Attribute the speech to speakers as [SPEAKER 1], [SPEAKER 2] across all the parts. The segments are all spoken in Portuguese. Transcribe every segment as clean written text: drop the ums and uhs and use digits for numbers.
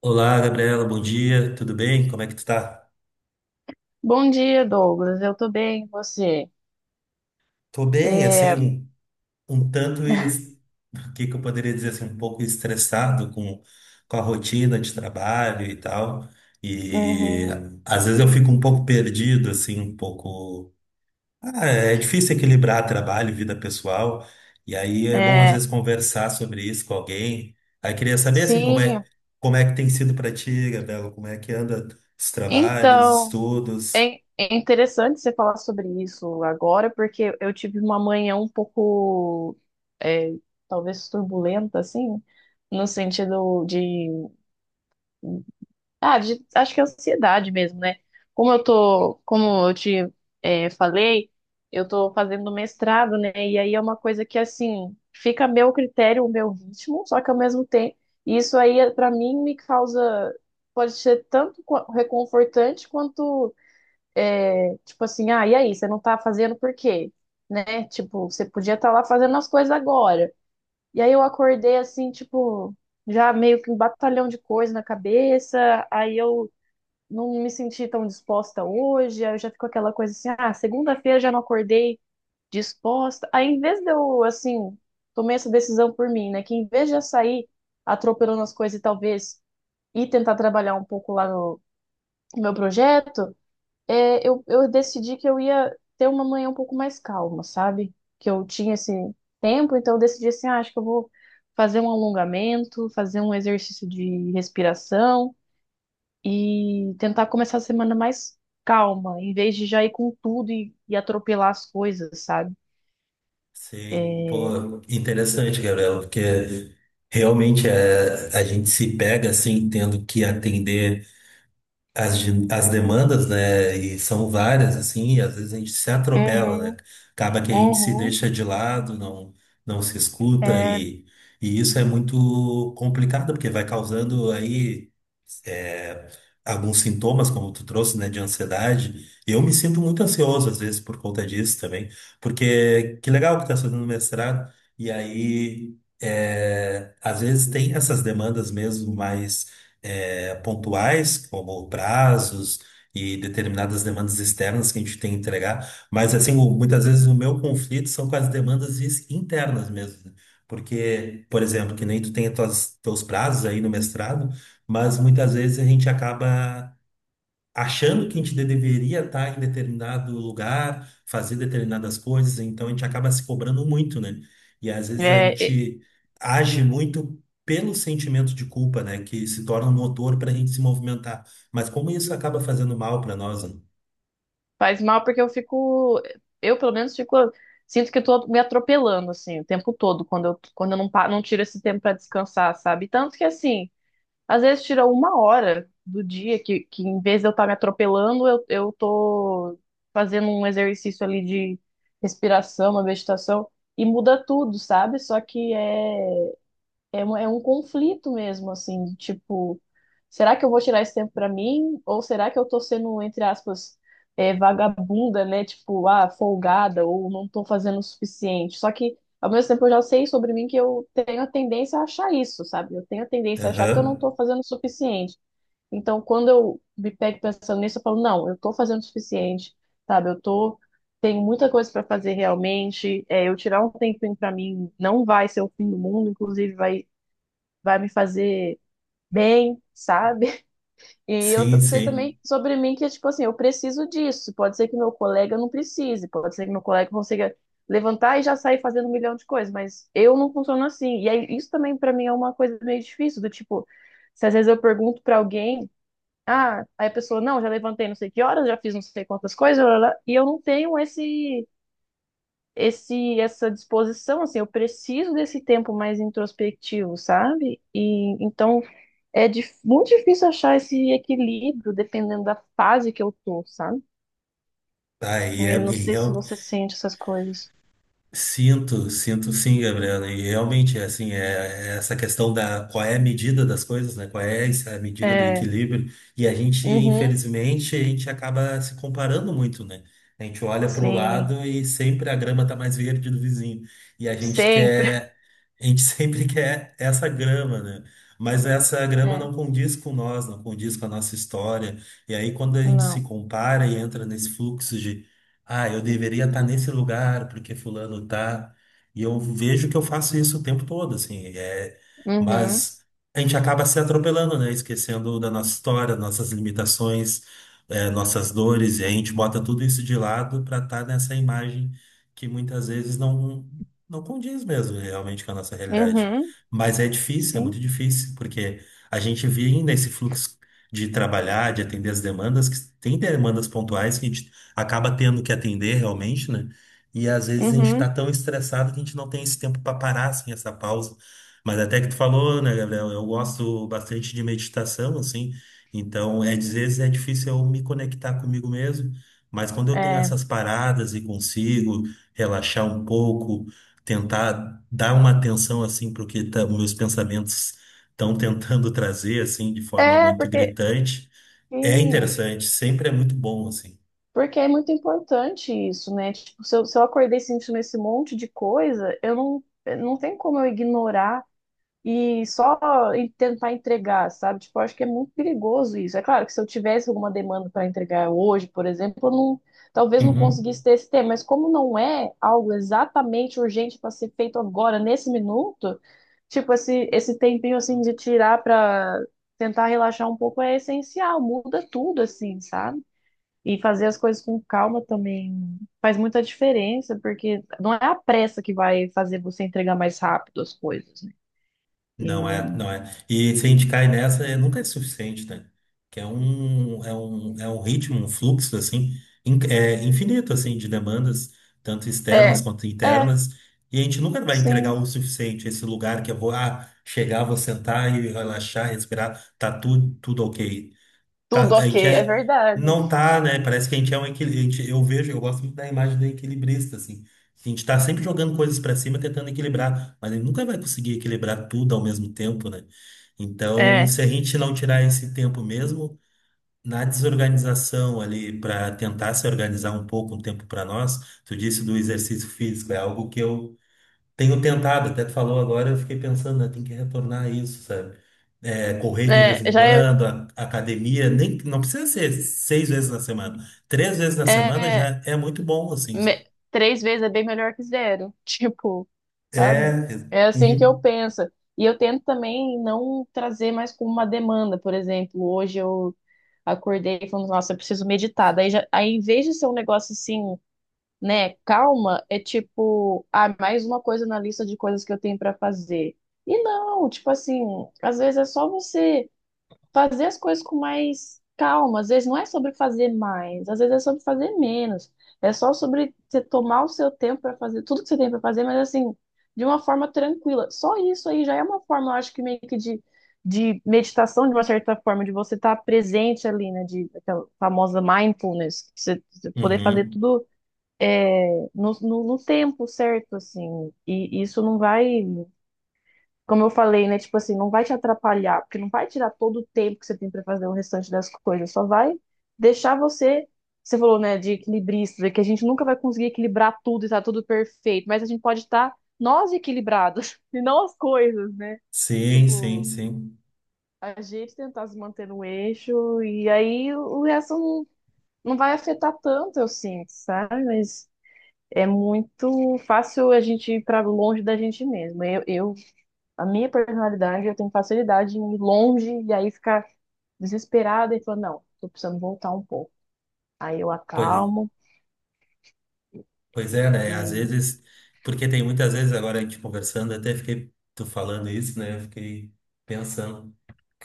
[SPEAKER 1] Olá, Gabriela, bom dia, tudo bem? Como é que tu tá?
[SPEAKER 2] Bom dia, Douglas. Eu tô bem, e você?
[SPEAKER 1] Tô bem,
[SPEAKER 2] É,
[SPEAKER 1] assim, um tanto, o que que eu poderia dizer, assim, um pouco estressado com a rotina de trabalho e tal, e
[SPEAKER 2] uhum,
[SPEAKER 1] às vezes eu fico um pouco perdido, assim, um pouco. Ah, é difícil equilibrar trabalho e vida pessoal, e aí é bom às
[SPEAKER 2] é,
[SPEAKER 1] vezes conversar sobre isso com alguém. Aí queria saber, assim,
[SPEAKER 2] sim,
[SPEAKER 1] como é que tem sido pra ti, Gabriela, como é que anda os trabalhos,
[SPEAKER 2] então,
[SPEAKER 1] estudos.
[SPEAKER 2] é interessante você falar sobre isso agora, porque eu tive uma manhã é, talvez turbulenta, assim, no sentido de acho que é ansiedade mesmo, né? Como eu te falei, eu tô fazendo mestrado, né? E aí é uma coisa que, assim, fica a meu critério, o meu ritmo, só que ao mesmo tempo, isso aí, pra mim, me causa, pode ser tanto reconfortante quanto, tipo assim, ah, e aí, você não tá fazendo por quê? Né? Tipo, você podia estar lá fazendo as coisas agora. E aí eu acordei, assim, tipo, já meio que um batalhão de coisa na cabeça, aí eu não me senti tão disposta hoje, aí eu já fico aquela coisa assim, ah, segunda-feira já não acordei disposta. Aí em vez de eu, assim, tomei essa decisão por mim, né, que em vez de eu sair atropelando as coisas e talvez ir tentar trabalhar um pouco lá no, no meu projeto, eu decidi que eu ia ter uma manhã um pouco mais calma, sabe? Que eu tinha esse tempo, então eu decidi assim, ah, acho que eu vou fazer um alongamento, fazer um exercício de respiração e tentar começar a semana mais calma, em vez de já ir com tudo e atropelar as coisas, sabe?
[SPEAKER 1] Sei,
[SPEAKER 2] É,
[SPEAKER 1] pô, interessante, Gabriela, porque realmente é, a gente se pega assim, tendo que atender as demandas, né? E são várias, assim, e às vezes a gente se atropela, né?
[SPEAKER 2] uhum,
[SPEAKER 1] Acaba que a gente se
[SPEAKER 2] uhum.
[SPEAKER 1] deixa de lado, não, não se escuta,
[SPEAKER 2] é,
[SPEAKER 1] e isso é muito complicado, porque vai causando aí alguns sintomas, como tu trouxe, né, de ansiedade. Eu me sinto muito ansioso às vezes por conta disso também, porque que legal que tá fazendo mestrado e aí é, às vezes tem essas demandas mesmo mais é, pontuais, como prazos e determinadas demandas externas que a gente tem que entregar, mas assim muitas vezes o meu conflito são com as demandas internas mesmo, né? Porque, por exemplo, que nem tu tem os teus prazos aí no mestrado, mas muitas vezes a gente acaba achando que a gente deveria estar em determinado lugar, fazer determinadas coisas, então a gente acaba se cobrando muito, né? E às vezes a
[SPEAKER 2] é, é-
[SPEAKER 1] gente age muito pelo sentimento de culpa, né? Que se torna um motor para a gente se movimentar. Mas como isso acaba fazendo mal para nós, né?
[SPEAKER 2] Faz mal porque eu pelo menos fico, sinto que eu tô me atropelando assim o tempo todo quando eu não tiro esse tempo pra descansar, sabe? Tanto que assim às vezes tira uma hora do dia que em vez de eu estar me atropelando, eu tô fazendo um exercício ali de respiração, uma meditação, e muda tudo, sabe? Só que é. É, é um conflito mesmo, assim, de tipo, será que eu vou tirar esse tempo pra mim? Ou será que eu tô sendo, entre aspas, vagabunda, né? Tipo, ah, folgada, ou não tô fazendo o suficiente. Só que, ao mesmo tempo, eu já sei sobre mim que eu tenho a tendência a achar isso, sabe? Eu tenho a tendência a achar que eu não
[SPEAKER 1] Aham.
[SPEAKER 2] tô fazendo o suficiente. Então, quando eu me pego pensando nisso, eu falo, não, eu tô fazendo o suficiente, sabe? Eu tô. Tenho muita coisa para fazer realmente. É, eu tirar um tempinho para mim não vai ser o fim do mundo, inclusive vai me fazer bem, sabe? E eu
[SPEAKER 1] Sim,
[SPEAKER 2] sei
[SPEAKER 1] sim.
[SPEAKER 2] também sobre mim que, tipo assim, eu preciso disso. Pode ser que meu colega não precise, pode ser que meu colega consiga levantar e já sair fazendo um milhão de coisas, mas eu não funciono assim. E aí, isso também pra mim é uma coisa meio difícil, do tipo, se às vezes eu pergunto pra alguém, ah, aí a pessoa, não, já levantei não sei que horas, já fiz não sei quantas coisas, lá, lá, lá, e eu não tenho esse. Essa disposição, assim, eu preciso desse tempo mais introspectivo, sabe? E então é muito difícil achar esse equilíbrio dependendo da fase que eu tô, sabe?
[SPEAKER 1] Tá, e é,
[SPEAKER 2] Eu não sei se você sente essas coisas.
[SPEAKER 1] sinto, sinto sim, Gabriela. E realmente, assim, é essa questão da qual é a medida das coisas, né? Qual é essa a medida do
[SPEAKER 2] É,
[SPEAKER 1] equilíbrio? E a gente,
[SPEAKER 2] uhum,
[SPEAKER 1] infelizmente, a gente acaba se comparando muito, né? A gente olha para o
[SPEAKER 2] sim,
[SPEAKER 1] lado e sempre a grama tá mais verde do vizinho. E a gente
[SPEAKER 2] sempre.
[SPEAKER 1] quer, a gente sempre quer essa grama, né? Mas essa grama não
[SPEAKER 2] É,
[SPEAKER 1] condiz com nós, não condiz com a nossa história. E aí, quando a gente se
[SPEAKER 2] não.
[SPEAKER 1] compara e entra nesse fluxo de ah, eu deveria estar nesse lugar porque fulano tá. E eu vejo que eu faço isso o tempo todo, assim. É.
[SPEAKER 2] Uhum,
[SPEAKER 1] Mas a gente acaba se atropelando, né? Esquecendo da nossa história, nossas limitações, é, nossas dores. E a gente bota tudo isso de lado para estar nessa imagem que muitas vezes não condiz mesmo né, realmente com a nossa realidade.
[SPEAKER 2] uhum,
[SPEAKER 1] Mas é difícil, é muito
[SPEAKER 2] sim,
[SPEAKER 1] difícil, porque a gente vive nesse fluxo de trabalhar, de atender as demandas, que tem demandas pontuais que a gente acaba tendo que atender realmente, né? E às vezes a gente está
[SPEAKER 2] uhum,
[SPEAKER 1] tão estressado que a gente não tem esse tempo para parar, assim, essa pausa. Mas até que tu falou, né, Gabriel? Eu gosto bastante de meditação, assim. Então, é, às vezes é difícil eu me conectar comigo mesmo, mas quando eu tenho
[SPEAKER 2] é.
[SPEAKER 1] essas paradas e consigo relaxar um pouco, tentar dar uma atenção, assim, para o que meus pensamentos estão tentando trazer, assim, de forma muito
[SPEAKER 2] Porque,
[SPEAKER 1] gritante, é
[SPEAKER 2] sim,
[SPEAKER 1] interessante, sempre é muito bom, assim.
[SPEAKER 2] porque é muito importante isso, né? Tipo, se eu acordei sentindo esse monte de coisa, eu não, não tem como eu ignorar e só tentar entregar, sabe? Tipo, eu acho que é muito perigoso isso. É claro que se eu tivesse alguma demanda para entregar hoje, por exemplo, eu não, talvez não conseguisse
[SPEAKER 1] Uhum.
[SPEAKER 2] ter esse tema, mas como não é algo exatamente urgente para ser feito agora, nesse minuto, tipo, esse tempinho assim de tirar para tentar relaxar um pouco é essencial, muda tudo assim, sabe? E fazer as coisas com calma também faz muita diferença, porque não é a pressa que vai fazer você entregar mais rápido as coisas, né?
[SPEAKER 1] Não é, não é. E se a gente cai nessa, é, nunca é suficiente, né? Que é um ritmo, um fluxo, assim, é infinito, assim, de demandas, tanto externas
[SPEAKER 2] É,
[SPEAKER 1] quanto
[SPEAKER 2] é,
[SPEAKER 1] internas, e a gente nunca vai entregar
[SPEAKER 2] sim.
[SPEAKER 1] o suficiente, esse lugar que eu vou, ah, chegar, vou sentar e relaxar, respirar, tá tudo, tudo ok. Tá,
[SPEAKER 2] Tudo
[SPEAKER 1] a
[SPEAKER 2] ok,
[SPEAKER 1] gente
[SPEAKER 2] é
[SPEAKER 1] é,
[SPEAKER 2] verdade.
[SPEAKER 1] não tá, né? Parece que a gente é um equilibrista. Eu vejo, eu gosto muito da imagem do equilibrista, assim. A gente tá sempre jogando coisas para cima, tentando equilibrar, mas ele nunca vai conseguir equilibrar tudo ao mesmo tempo, né? Então,
[SPEAKER 2] Né?
[SPEAKER 1] se a gente não tirar esse tempo mesmo na desorganização ali para tentar se organizar um pouco, um tempo para nós, tu disse do exercício físico, é algo que eu tenho tentado, até tu falou agora, eu fiquei pensando, né, tem que retornar a isso, sabe? É, correr de vez em
[SPEAKER 2] Já é,
[SPEAKER 1] quando, academia, nem, não precisa ser 6 vezes na semana. 3 vezes na semana
[SPEAKER 2] é
[SPEAKER 1] já é muito bom, assim.
[SPEAKER 2] me- três vezes é bem melhor que zero, tipo,
[SPEAKER 1] É,
[SPEAKER 2] sabe? É assim que eu
[SPEAKER 1] uhum,
[SPEAKER 2] penso. E eu tento também não trazer mais como uma demanda, por exemplo, hoje eu acordei falando, nossa, eu preciso meditar. Em vez de ser um negócio assim, né, calma, é tipo, ah, mais uma coisa na lista de coisas que eu tenho pra fazer. E não, tipo assim, às vezes é só você fazer as coisas com mais calma. Às vezes não é sobre fazer mais, às vezes é sobre fazer menos. É só sobre você tomar o seu tempo para fazer tudo que você tem para fazer, mas assim, de uma forma tranquila. Só isso aí já é uma forma, eu acho que meio que de meditação, de uma certa forma, de você estar presente ali, né? De aquela famosa mindfulness, que você poder fazer
[SPEAKER 1] uhum.
[SPEAKER 2] tudo. É, no tempo certo, assim, e isso não vai como eu falei, né? Tipo assim, não vai te atrapalhar, porque não vai tirar todo o tempo que você tem para fazer o restante das coisas, só vai deixar você. Você falou, né, de equilibrista, que a gente nunca vai conseguir equilibrar tudo e tá tudo perfeito, mas a gente pode estar nós equilibrados e não as coisas, né?
[SPEAKER 1] Sim, sim,
[SPEAKER 2] Tipo,
[SPEAKER 1] sim.
[SPEAKER 2] a gente tentar se manter no eixo e aí o resto não, não vai afetar tanto, eu sinto, sabe? Mas é muito fácil a gente ir para longe da gente mesmo. Eu, a minha personalidade, eu tenho facilidade em ir longe e aí ficar desesperada e falar, não, tô precisando voltar um pouco. Aí eu
[SPEAKER 1] Pois,
[SPEAKER 2] acalmo
[SPEAKER 1] pois é, né? Às
[SPEAKER 2] e.
[SPEAKER 1] vezes, porque tem muitas vezes agora a gente conversando, até fiquei, tu falando isso, né? Eu fiquei pensando.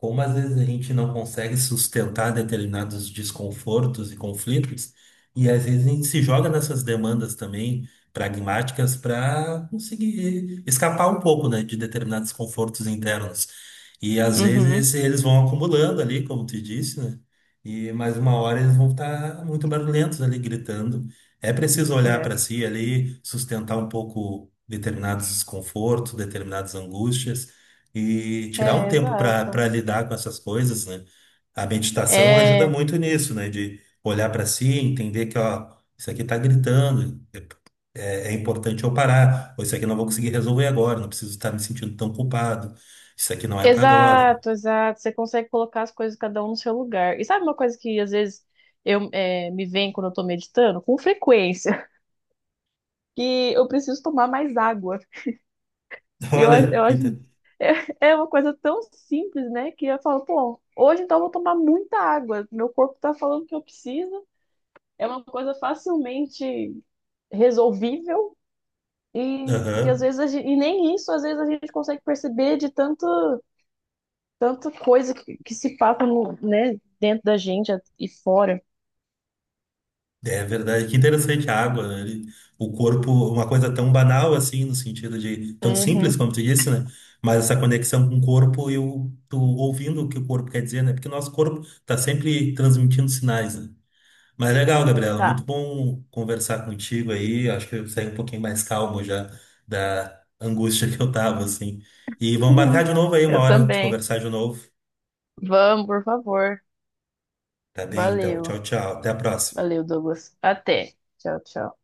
[SPEAKER 1] Como às vezes a gente não consegue sustentar determinados desconfortos e conflitos, e às vezes a gente se joga nessas demandas também pragmáticas para conseguir escapar um pouco, né, de determinados confortos internos. E às
[SPEAKER 2] Uhum.
[SPEAKER 1] vezes eles vão acumulando ali, como tu disse, né? E mais uma hora eles vão estar muito barulhentos ali, gritando. É preciso olhar
[SPEAKER 2] É,
[SPEAKER 1] para si ali, sustentar um pouco determinados desconfortos, determinadas angústias e tirar um
[SPEAKER 2] é,
[SPEAKER 1] tempo
[SPEAKER 2] exato.
[SPEAKER 1] para lidar com essas coisas, né? A meditação ajuda
[SPEAKER 2] É,
[SPEAKER 1] muito nisso, né? De olhar para si, entender que, ó, isso aqui tá gritando, é, é importante eu parar, ou isso aqui eu não vou conseguir resolver agora, não preciso estar me sentindo tão culpado, isso aqui não é para agora.
[SPEAKER 2] exato, exato. Você consegue colocar as coisas cada um no seu lugar. E sabe uma coisa que às vezes eu me vem quando eu tô meditando? Com frequência, que eu preciso tomar mais água.
[SPEAKER 1] Olha,
[SPEAKER 2] Eu acho.
[SPEAKER 1] inte-.
[SPEAKER 2] É, é uma coisa tão simples, né? Que eu falo, pô, hoje então eu vou tomar muita água. Meu corpo tá falando que eu preciso. É uma coisa facilmente resolvível. E, e às
[SPEAKER 1] Aham.
[SPEAKER 2] vezes a gente, e nem isso às vezes a gente consegue perceber de tanto, tanta coisa que se passa no, né, dentro da gente e fora.
[SPEAKER 1] É verdade, que interessante a água, né? Ele-. O corpo, uma coisa tão banal assim, no sentido de tão
[SPEAKER 2] Uhum.
[SPEAKER 1] simples como tu disse, né? Mas essa conexão com o corpo e o, tu ouvindo o que o corpo quer dizer, né? Porque o nosso corpo tá sempre transmitindo sinais, né? Mas legal, Gabriela, muito
[SPEAKER 2] Tá.
[SPEAKER 1] bom conversar contigo aí. Acho que eu saí um pouquinho mais calmo já da angústia que eu tava, assim. E vamos marcar de novo aí, uma
[SPEAKER 2] Eu
[SPEAKER 1] hora de
[SPEAKER 2] também.
[SPEAKER 1] conversar de novo.
[SPEAKER 2] Vamos, por favor.
[SPEAKER 1] Tá bem, então.
[SPEAKER 2] Valeu.
[SPEAKER 1] Tchau, tchau. Até a próxima.
[SPEAKER 2] Valeu, Douglas. Até. Tchau, tchau.